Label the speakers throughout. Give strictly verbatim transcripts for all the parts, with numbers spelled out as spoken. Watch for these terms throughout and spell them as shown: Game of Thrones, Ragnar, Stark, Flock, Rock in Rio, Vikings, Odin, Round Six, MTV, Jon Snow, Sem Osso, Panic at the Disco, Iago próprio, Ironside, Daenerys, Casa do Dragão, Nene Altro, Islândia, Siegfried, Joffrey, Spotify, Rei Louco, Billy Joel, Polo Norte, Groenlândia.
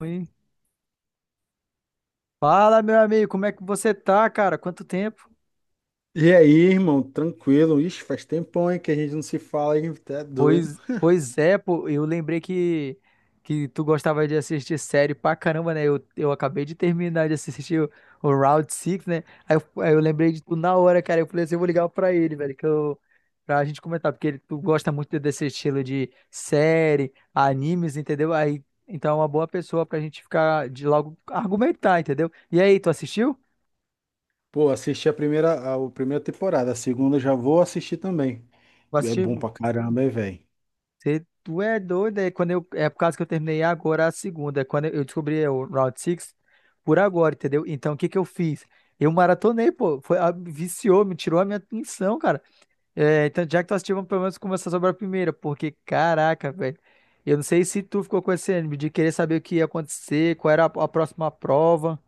Speaker 1: Oi. Fala, meu amigo, como é que você tá, cara? Quanto tempo?
Speaker 2: E aí, irmão, tranquilo? Ixi, faz tempão, hein, que a gente não se fala, hein? Tá doido.
Speaker 1: Pois, pois é, pô, eu lembrei que, que tu gostava de assistir série pra caramba, né? Eu, eu acabei de terminar de assistir o, o Round Six, né? Aí eu, aí eu lembrei de tu na hora, cara. Eu falei assim, eu vou ligar pra ele, velho, que eu, pra gente comentar, porque ele, tu gosta muito desse estilo de série, animes, entendeu? Aí, então é uma boa pessoa pra gente ficar de logo argumentar, entendeu? E aí, tu assistiu?
Speaker 2: Pô, assisti a primeira, a, a primeira temporada, a segunda eu já vou assistir também.
Speaker 1: Vai
Speaker 2: É
Speaker 1: assistir?
Speaker 2: bom pra caramba, hein, velho?
Speaker 1: Cê, tu é doido, é, quando eu, é por causa que eu terminei agora a segunda, é quando eu eu descobri o Round Six por agora, entendeu? Então, o que que eu fiz? Eu maratonei, pô, foi, a- viciou, me tirou a minha atenção, cara. É, então, já que tu assistiu, vamos pelo menos começar sobre a primeira, porque, caraca, velho, eu não sei se tu ficou com esse ânimo de querer saber o que ia acontecer, qual era a, a próxima prova.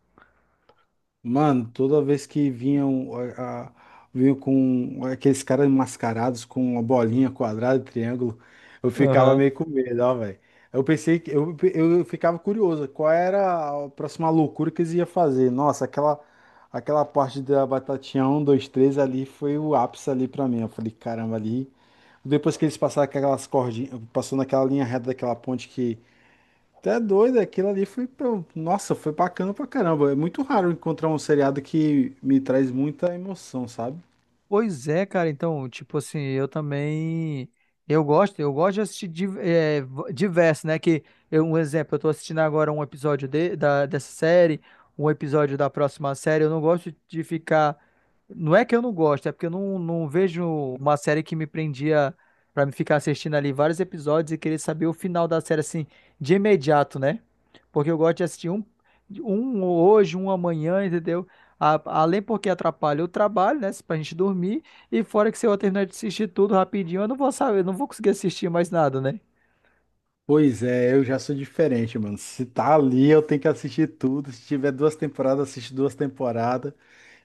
Speaker 2: Mano, toda vez que vinham, a, a- vinham com aqueles caras mascarados com uma bolinha, quadrado, triângulo, eu ficava meio com medo, ó, velho. Eu pensei que eu, eu ficava curioso, qual era a próxima loucura que eles iam fazer? Nossa, aquela aquela parte da batatinha um, dois, três ali foi o ápice ali pra mim. Eu falei, caramba, ali. Depois que eles passaram aquelas cordinhas, passou naquela linha reta daquela ponte até doido, aquilo ali foi. pra- um, Nossa, foi bacana pra caramba. É muito raro encontrar um seriado que me traz muita emoção, sabe?
Speaker 1: Pois é, cara, então, tipo assim, eu também, eu gosto, eu gosto de assistir di- é, v- diverso, né, que, eu- um exemplo, eu tô assistindo agora um episódio de, da, dessa série, um episódio da próxima série, eu não gosto de ficar, não é que eu não gosto, é porque eu não, não vejo uma série que me prendia pra me ficar assistindo ali vários episódios e querer saber o final da série, assim, de imediato, né, porque eu gosto de assistir um, um hoje, um amanhã, entendeu? A- além porque atrapalha o trabalho, né? Pra gente dormir. E fora que se eu terminar de assistir tudo rapidinho, eu não vou saber, eu não vou conseguir assistir mais nada, né?
Speaker 2: Pois é, eu já sou diferente, mano. Se tá ali, eu tenho que assistir tudo. Se tiver duas temporadas, assisto duas temporadas.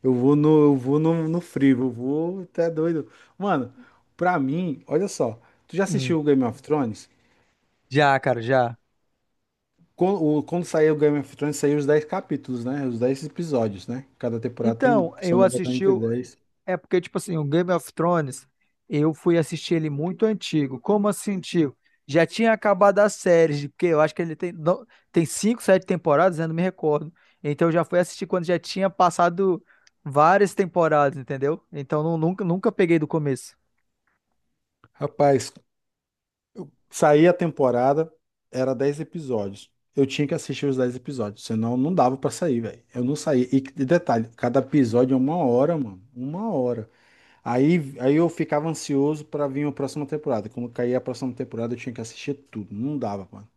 Speaker 2: Eu vou no, eu vou no, no frio, eu vou até doido. Mano, pra mim, olha só. Tu já
Speaker 1: Hum.
Speaker 2: assistiu o Game of Thrones?
Speaker 1: Já, cara, já.
Speaker 2: Quando, o- quando saiu o Game of Thrones, saiu os dez capítulos, né? Os dez episódios, né? Cada temporada tem,
Speaker 1: Então,
Speaker 2: se eu
Speaker 1: eu
Speaker 2: não me engano,
Speaker 1: assisti.
Speaker 2: entre
Speaker 1: o-
Speaker 2: dez.
Speaker 1: É porque, tipo assim, o Game of Thrones, eu fui assistir ele muito antigo. Como assim, tio? Já tinha acabado a série, porque eu acho que ele tem, não- tem cinco, sete temporadas, né, eu não me recordo. Então, eu já fui assistir quando já tinha passado várias temporadas, entendeu? Então, não- nunca, nunca peguei do começo.
Speaker 2: Rapaz. Saía a temporada, era dez episódios. Eu tinha que assistir os dez episódios, senão não dava pra sair, velho. Eu não saía. E de detalhe, cada episódio é uma hora, mano. Uma hora. Aí, aí eu ficava ansioso pra vir a próxima temporada. Quando caía a próxima temporada, eu tinha que assistir tudo. Não dava, mano.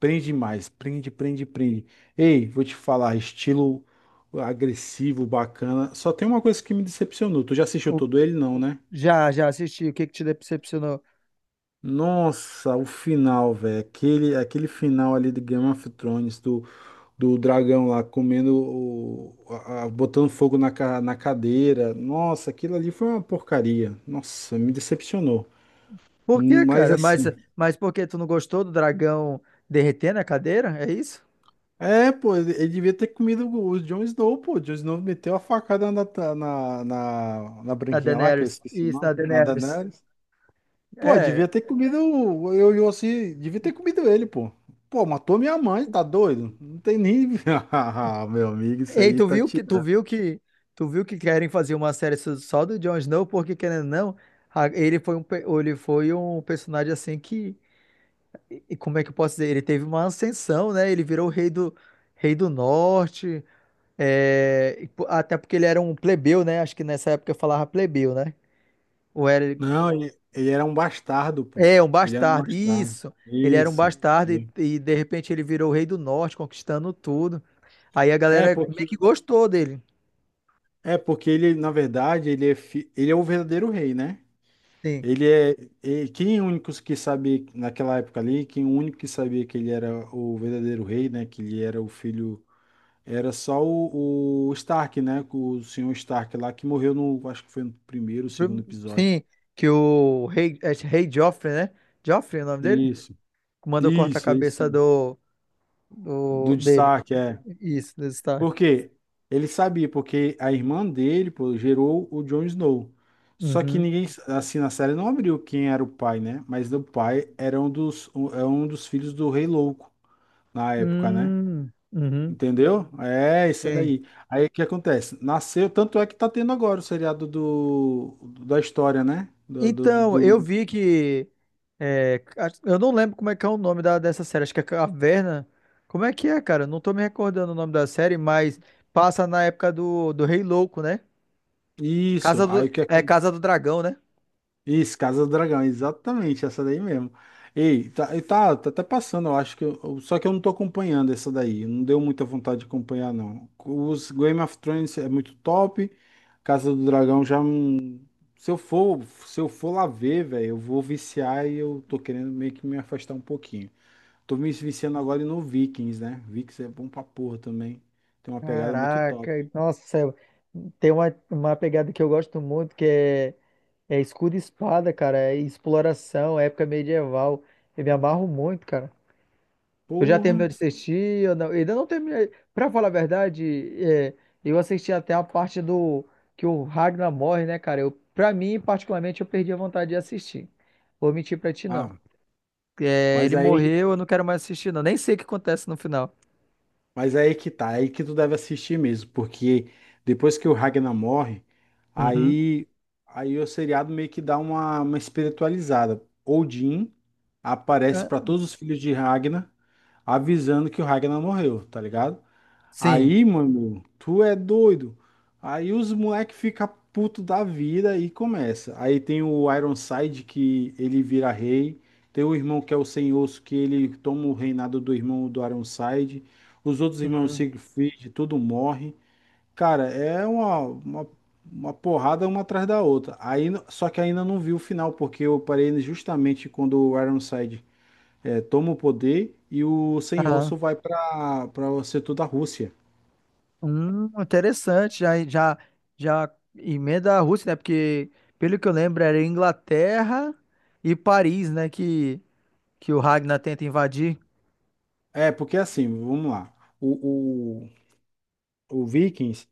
Speaker 2: Prende mais, prende, prende, prende. Ei, vou te falar, estilo agressivo, bacana. Só tem uma coisa que me decepcionou. Tu já assistiu todo ele? Não, né?
Speaker 1: Já, já assisti. O que que te decepcionou?
Speaker 2: Nossa, o final, velho. Aquele, aquele final ali de Game of Thrones, do, do dragão lá comendo, o, a- a- botando fogo na, ca- na cadeira. Nossa, aquilo ali foi uma porcaria. Nossa, me decepcionou.
Speaker 1: Por quê,
Speaker 2: Mas
Speaker 1: cara? Mas,
Speaker 2: assim.
Speaker 1: mas por que tu não gostou do dragão derretendo a cadeira? É isso?
Speaker 2: É, pô, ele, ele devia ter comido o o Jon Snow, pô. O Jon Snow meteu a facada na, ta- na, na, na
Speaker 1: Na
Speaker 2: branquinha lá, que eu
Speaker 1: Daenerys.
Speaker 2: esqueci o
Speaker 1: Isso, na
Speaker 2: nome, na
Speaker 1: Daenerys.
Speaker 2: Daenerys. Pô,
Speaker 1: É.
Speaker 2: devia ter comido o- eu e Yossi, devia ter comido ele, pô. Pô, matou minha mãe, tá doido? Não tem nem. Ah, meu amigo, isso
Speaker 1: Ei,
Speaker 2: aí
Speaker 1: tu
Speaker 2: tá
Speaker 1: viu que tu
Speaker 2: tirando.
Speaker 1: viu que tu viu que querem fazer uma série só só do Jon Snow porque, querendo ou não, a- ele foi um pe- ele foi um personagem assim que, e como é que eu posso dizer? Ele teve uma ascensão, né? Ele virou o rei do Rei do norte. É, e po- até porque ele era um plebeu, né? Acho que nessa época eu falava plebeu, né? Ou era...
Speaker 2: Não, ele, ele era um bastardo, pô.
Speaker 1: É, um
Speaker 2: Ele era um
Speaker 1: bastardo,
Speaker 2: bastardo.
Speaker 1: isso. Ele era um
Speaker 2: Isso.
Speaker 1: bastardo e,
Speaker 2: Né?
Speaker 1: e, de repente ele virou o rei do norte, conquistando tudo. Aí a
Speaker 2: É
Speaker 1: galera meio
Speaker 2: porque,
Speaker 1: que gostou dele.
Speaker 2: é porque ele, na verdade, ele é, fi- ele é o verdadeiro rei, né?
Speaker 1: Sim.
Speaker 2: Ele é, e quem é o único que sabia naquela época ali, quem é o único que sabia que ele era o verdadeiro rei, né? Que ele era o filho. Era só o, o Stark, né? O senhor Stark lá que morreu no, acho que foi no primeiro, segundo
Speaker 1: Prim-
Speaker 2: episódio.
Speaker 1: sim, que o rei, é, rei Joffrey, né? Joffrey é o nome dele?
Speaker 2: Isso,
Speaker 1: Mandou cortar a
Speaker 2: isso,
Speaker 1: cabeça
Speaker 2: isso.
Speaker 1: do, do
Speaker 2: Do
Speaker 1: dele.
Speaker 2: destaque, é.
Speaker 1: Isso, do Stark.
Speaker 2: Por quê? Ele sabia, porque a irmã dele, pô, gerou o Jon Snow. Só que
Speaker 1: Uhum.
Speaker 2: ninguém, assim, na série não abriu quem era o pai, né? Mas o pai era um dos, um, é um dos filhos do Rei Louco, na época, né?
Speaker 1: Hum, uhum.
Speaker 2: Entendeu? É, isso é
Speaker 1: Sim.
Speaker 2: daí. Aí o que acontece? Nasceu, tanto é que tá tendo agora o seriado do, da história, né? Do, do, do-
Speaker 1: Então, eu
Speaker 2: do-
Speaker 1: vi que... é, a- eu não lembro como é que é o nome da, dessa série. Acho que é Caverna. Como é que é, cara? Não tô me recordando o nome da série, mas passa na época do, do Rei Louco, né?
Speaker 2: Isso,
Speaker 1: Casa do,
Speaker 2: aí o que é que.
Speaker 1: é Casa do Dragão, né?
Speaker 2: Isso, Casa do Dragão, exatamente, essa daí mesmo. Ei, tá, e tá, tá até passando, eu acho que... eu- Só que eu não tô acompanhando essa daí, não deu muita vontade de acompanhar, não. Os Game of Thrones é muito top, Casa do Dragão já... não- Se eu for, se eu for lá ver, velho, eu vou viciar e eu tô querendo meio que me afastar um pouquinho. Tô me viciando agora no Vikings, né? Vikings é bom pra porra também. Tem uma pegada muito top.
Speaker 1: Caraca, e- nossa, eu- tem uma, uma pegada que eu gosto muito que é, é escudo e espada, cara, é exploração, época medieval. Eu me amarro muito, cara. Tu já
Speaker 2: Porra.
Speaker 1: terminou de assistir? Eu não, ainda não terminei. Pra falar a verdade, é, eu assisti até a parte do que o Ragnar morre, né, cara? Eu, pra mim, particularmente, eu perdi a vontade de assistir. Vou mentir pra ti, não.
Speaker 2: Ah,
Speaker 1: É,
Speaker 2: mas
Speaker 1: ele
Speaker 2: aí,
Speaker 1: morreu, eu não quero mais assistir, não. Nem sei o que acontece no final.
Speaker 2: mas aí que tá, aí que tu deve assistir mesmo, porque depois que o Ragnar morre,
Speaker 1: Uhum.
Speaker 2: aí aí o seriado meio que dá uma, uma espiritualizada. Odin aparece pra
Speaker 1: Ah.
Speaker 2: todos os filhos de Ragnar avisando que o Ragnar morreu, tá ligado?
Speaker 1: Sim.
Speaker 2: Aí, mano, tu é doido. Aí os moleque fica puto da vida e começa. Aí tem o Ironside que ele vira rei. Tem o irmão que é o Sem Osso que ele toma o reinado do irmão do Ironside. Os outros irmãos
Speaker 1: Uhum.
Speaker 2: Siegfried, tudo morre. Cara, é uma, uma, uma porrada uma atrás da outra. Aí, só que ainda não vi o final, porque eu parei justamente quando o Ironside eh, toma o poder e o Sem
Speaker 1: Aham.
Speaker 2: Osso vai para para o setor da Rússia.
Speaker 1: Hum, interessante. Já, já, já emenda a Rússia, né? Porque, pelo que eu lembro, era Inglaterra e Paris, né? Que, que o Ragnar tenta invadir.
Speaker 2: É, porque assim, vamos lá. O, o, o Vikings,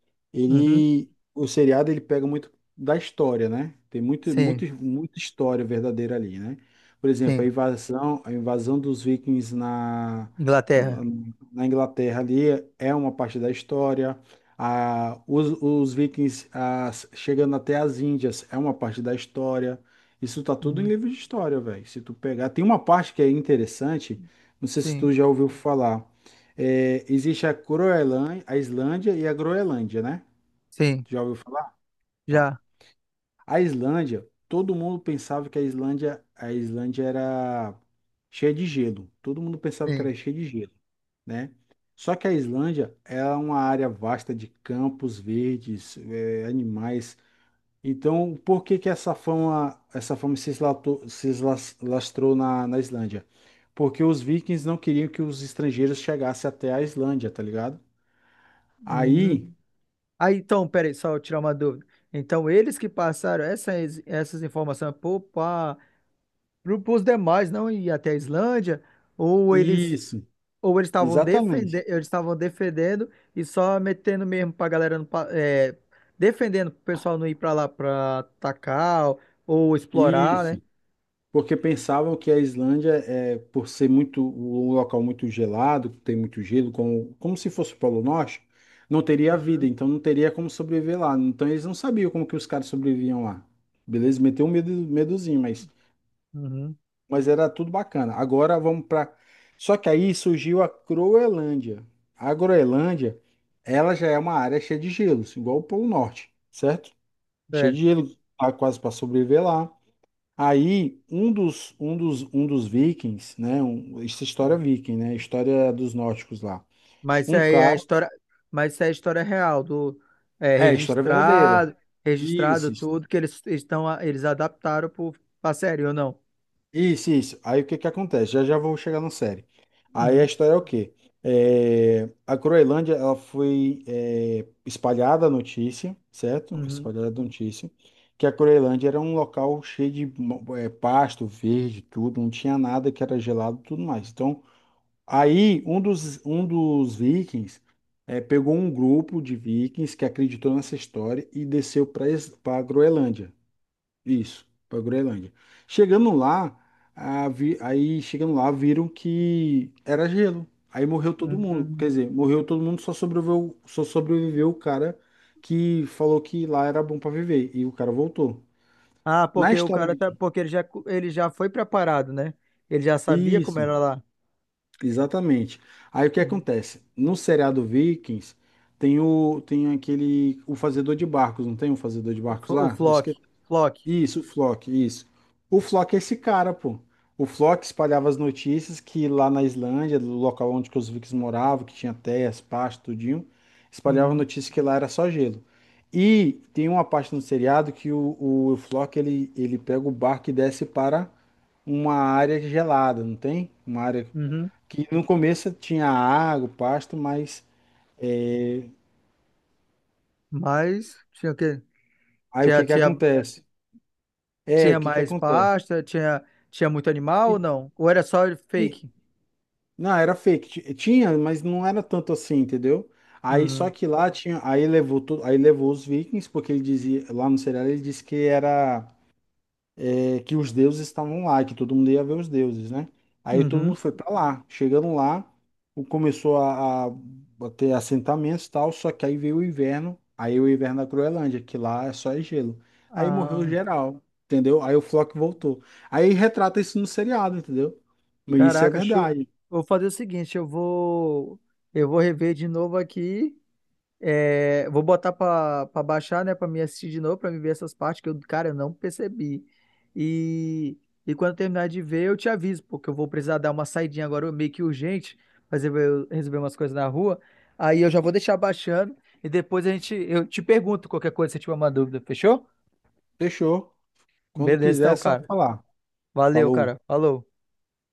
Speaker 1: Uhum.
Speaker 2: ele, o seriado, ele pega muito da história, né? Tem muito,
Speaker 1: Sim,
Speaker 2: muito, muita história verdadeira ali, né? Por exemplo, a
Speaker 1: sim.
Speaker 2: invasão, a invasão dos Vikings na,
Speaker 1: Inglaterra.
Speaker 2: na, na Inglaterra ali é uma parte da história. A, os, os Vikings ah, chegando até as Índias é uma parte da história. Isso tá tudo em
Speaker 1: Uhum.
Speaker 2: livro de história, velho. Se tu pegar, tem uma parte que é interessante, não sei se
Speaker 1: Sim,
Speaker 2: tu já ouviu falar. É, existe a Groenlândia, a Islândia e a Groenlândia, né?
Speaker 1: sim.
Speaker 2: Já ouviu falar? Tá.
Speaker 1: Já.
Speaker 2: A Islândia, todo mundo pensava que a Islândia, a Islândia era cheia de gelo. Todo mundo pensava que
Speaker 1: Sim.
Speaker 2: era cheia de gelo, né? Só que a Islândia é uma área vasta de campos verdes, é, animais. Então, por que que essa fama, essa fama se eslatou- se eslas- lastrou na, na Islândia? Porque os vikings não queriam que os estrangeiros chegassem até a Islândia, tá ligado?
Speaker 1: Uhum.
Speaker 2: Aí.
Speaker 1: Aí, então, peraí, só eu tirar uma dúvida. Então, eles que passaram essas, essas informações para os demais não ir até a Islândia, ou eles,
Speaker 2: Isso,
Speaker 1: ou eles estavam defendendo,
Speaker 2: exatamente.
Speaker 1: eles estavam defendendo e só metendo mesmo para a galera não, pa- é, defendendo para o pessoal não ir para lá para atacar ou, ou explorar, né?
Speaker 2: Isso. Porque pensavam que a Islândia, é, por ser muito um local muito gelado, que tem muito gelo, como, como se fosse o Polo Norte, não teria vida, então não teria como sobreviver lá. Então eles não sabiam como que os caras sobreviviam lá. Beleza? Meteu um medo, medozinho, mas,
Speaker 1: Uhum.
Speaker 2: mas era tudo bacana. Agora vamos para. Só que aí surgiu a Groenlândia. A Groenlândia, ela já é uma área cheia de gelos, igual o Polo Norte, certo? Cheio
Speaker 1: É.
Speaker 2: de gelo, tá quase para sobreviver lá. Aí um dos um dos um dos vikings, né? Um- isso é história viking, né? História dos nórdicos lá.
Speaker 1: Mas isso
Speaker 2: Um
Speaker 1: aí é a
Speaker 2: cara,
Speaker 1: história, mas isso é a história real do, é,
Speaker 2: é história verdadeira.
Speaker 1: registrado, registrado
Speaker 2: Isso, isso,
Speaker 1: tudo que eles estão, eles adaptaram pro, pra série ou não?
Speaker 2: isso. Isso. Aí o que que acontece? Já já vou chegar na série. Aí a
Speaker 1: Uhum,
Speaker 2: história é o quê? É, a Groenlândia ela foi é, espalhada a notícia, certo?
Speaker 1: uhum,
Speaker 2: Espalhada a notícia que a Groenlândia era um local cheio de mo- eh, pasto verde, tudo, não tinha nada que era gelado, e tudo mais. Então. Aí um dos, um dos vikings eh, pegou um grupo de vikings que acreditou nessa história e desceu para a Groenlândia. Isso, para a Groenlândia. Chegando lá, a vi- aí chegando lá viram que era gelo. Aí morreu todo mundo.
Speaker 1: uhum.
Speaker 2: Quer dizer, morreu todo mundo, só sobreviveu, só sobreviveu o cara que falou que lá era bom para viver. E o cara voltou.
Speaker 1: Ah,
Speaker 2: Na
Speaker 1: porque o
Speaker 2: história.
Speaker 1: cara tá, porque ele já, ele já foi preparado, né? Ele já sabia como
Speaker 2: Isso.
Speaker 1: era lá.
Speaker 2: Exatamente. Aí o que
Speaker 1: Uhum.
Speaker 2: acontece? No seriado Vikings tem o tem aquele o fazedor de barcos, não tem um fazedor de
Speaker 1: O,
Speaker 2: barcos
Speaker 1: Flo- o
Speaker 2: lá? Eu
Speaker 1: Flock,
Speaker 2: esqueci.
Speaker 1: Flock.
Speaker 2: Isso, o Flock, isso. O Flock é esse cara, pô. O Flock espalhava as notícias que lá na Islândia, do local onde que os Vikings moravam, que tinha terras, pasto, tudinho, espalhava a
Speaker 1: Uhum,
Speaker 2: notícia que lá era só gelo. E tem uma parte no seriado que o, o, Flock ele, ele pega o barco e desce para uma área gelada, não tem? Uma área
Speaker 1: uhum.
Speaker 2: que no começo tinha água, pasto, mas é,
Speaker 1: Mas tinha o quê?
Speaker 2: aí o
Speaker 1: Tinha,
Speaker 2: que que
Speaker 1: tinha,
Speaker 2: acontece? É,
Speaker 1: tinha
Speaker 2: o que que
Speaker 1: mais
Speaker 2: acontece?
Speaker 1: pasta, tinha, tinha muito animal
Speaker 2: E-
Speaker 1: ou não? Ou era só
Speaker 2: e-
Speaker 1: fake?
Speaker 2: não, era fake. Ti- tinha, mas não era tanto assim, entendeu? Aí só
Speaker 1: Uhum.
Speaker 2: que lá tinha, aí levou tudo, aí levou os vikings, porque ele dizia, lá no serial ele disse que era é, que os deuses estavam lá, que todo mundo ia ver os deuses, né? Aí todo
Speaker 1: Uhum.
Speaker 2: mundo foi para lá. Chegando lá, o- começou a, a a ter assentamentos e tal, só que aí veio o inverno, aí o inverno da Groenlândia, que lá é só é gelo. Aí morreu
Speaker 1: Ah.
Speaker 2: geral, entendeu? Aí o Flock voltou. Aí retrata isso no seriado, entendeu? Mas isso é
Speaker 1: Caraca, show.
Speaker 2: verdade.
Speaker 1: Vou fazer o seguinte, eu vou eu vou rever de novo aqui, é, vou botar pra pra baixar, né? Pra me assistir de novo, pra me ver essas partes que eu, cara, eu não percebi. E e quando eu terminar de ver, eu te aviso, porque eu vou precisar dar uma saidinha agora meio que urgente, fazer eu resolver umas coisas na rua. Aí eu já vou deixar baixando e depois a gente, eu te pergunto qualquer coisa se tiver uma dúvida, fechou?
Speaker 2: Fechou. Quando
Speaker 1: Beleza,
Speaker 2: quiser,
Speaker 1: então,
Speaker 2: é só
Speaker 1: cara.
Speaker 2: falar.
Speaker 1: Valeu,
Speaker 2: Falou.
Speaker 1: cara. Falou.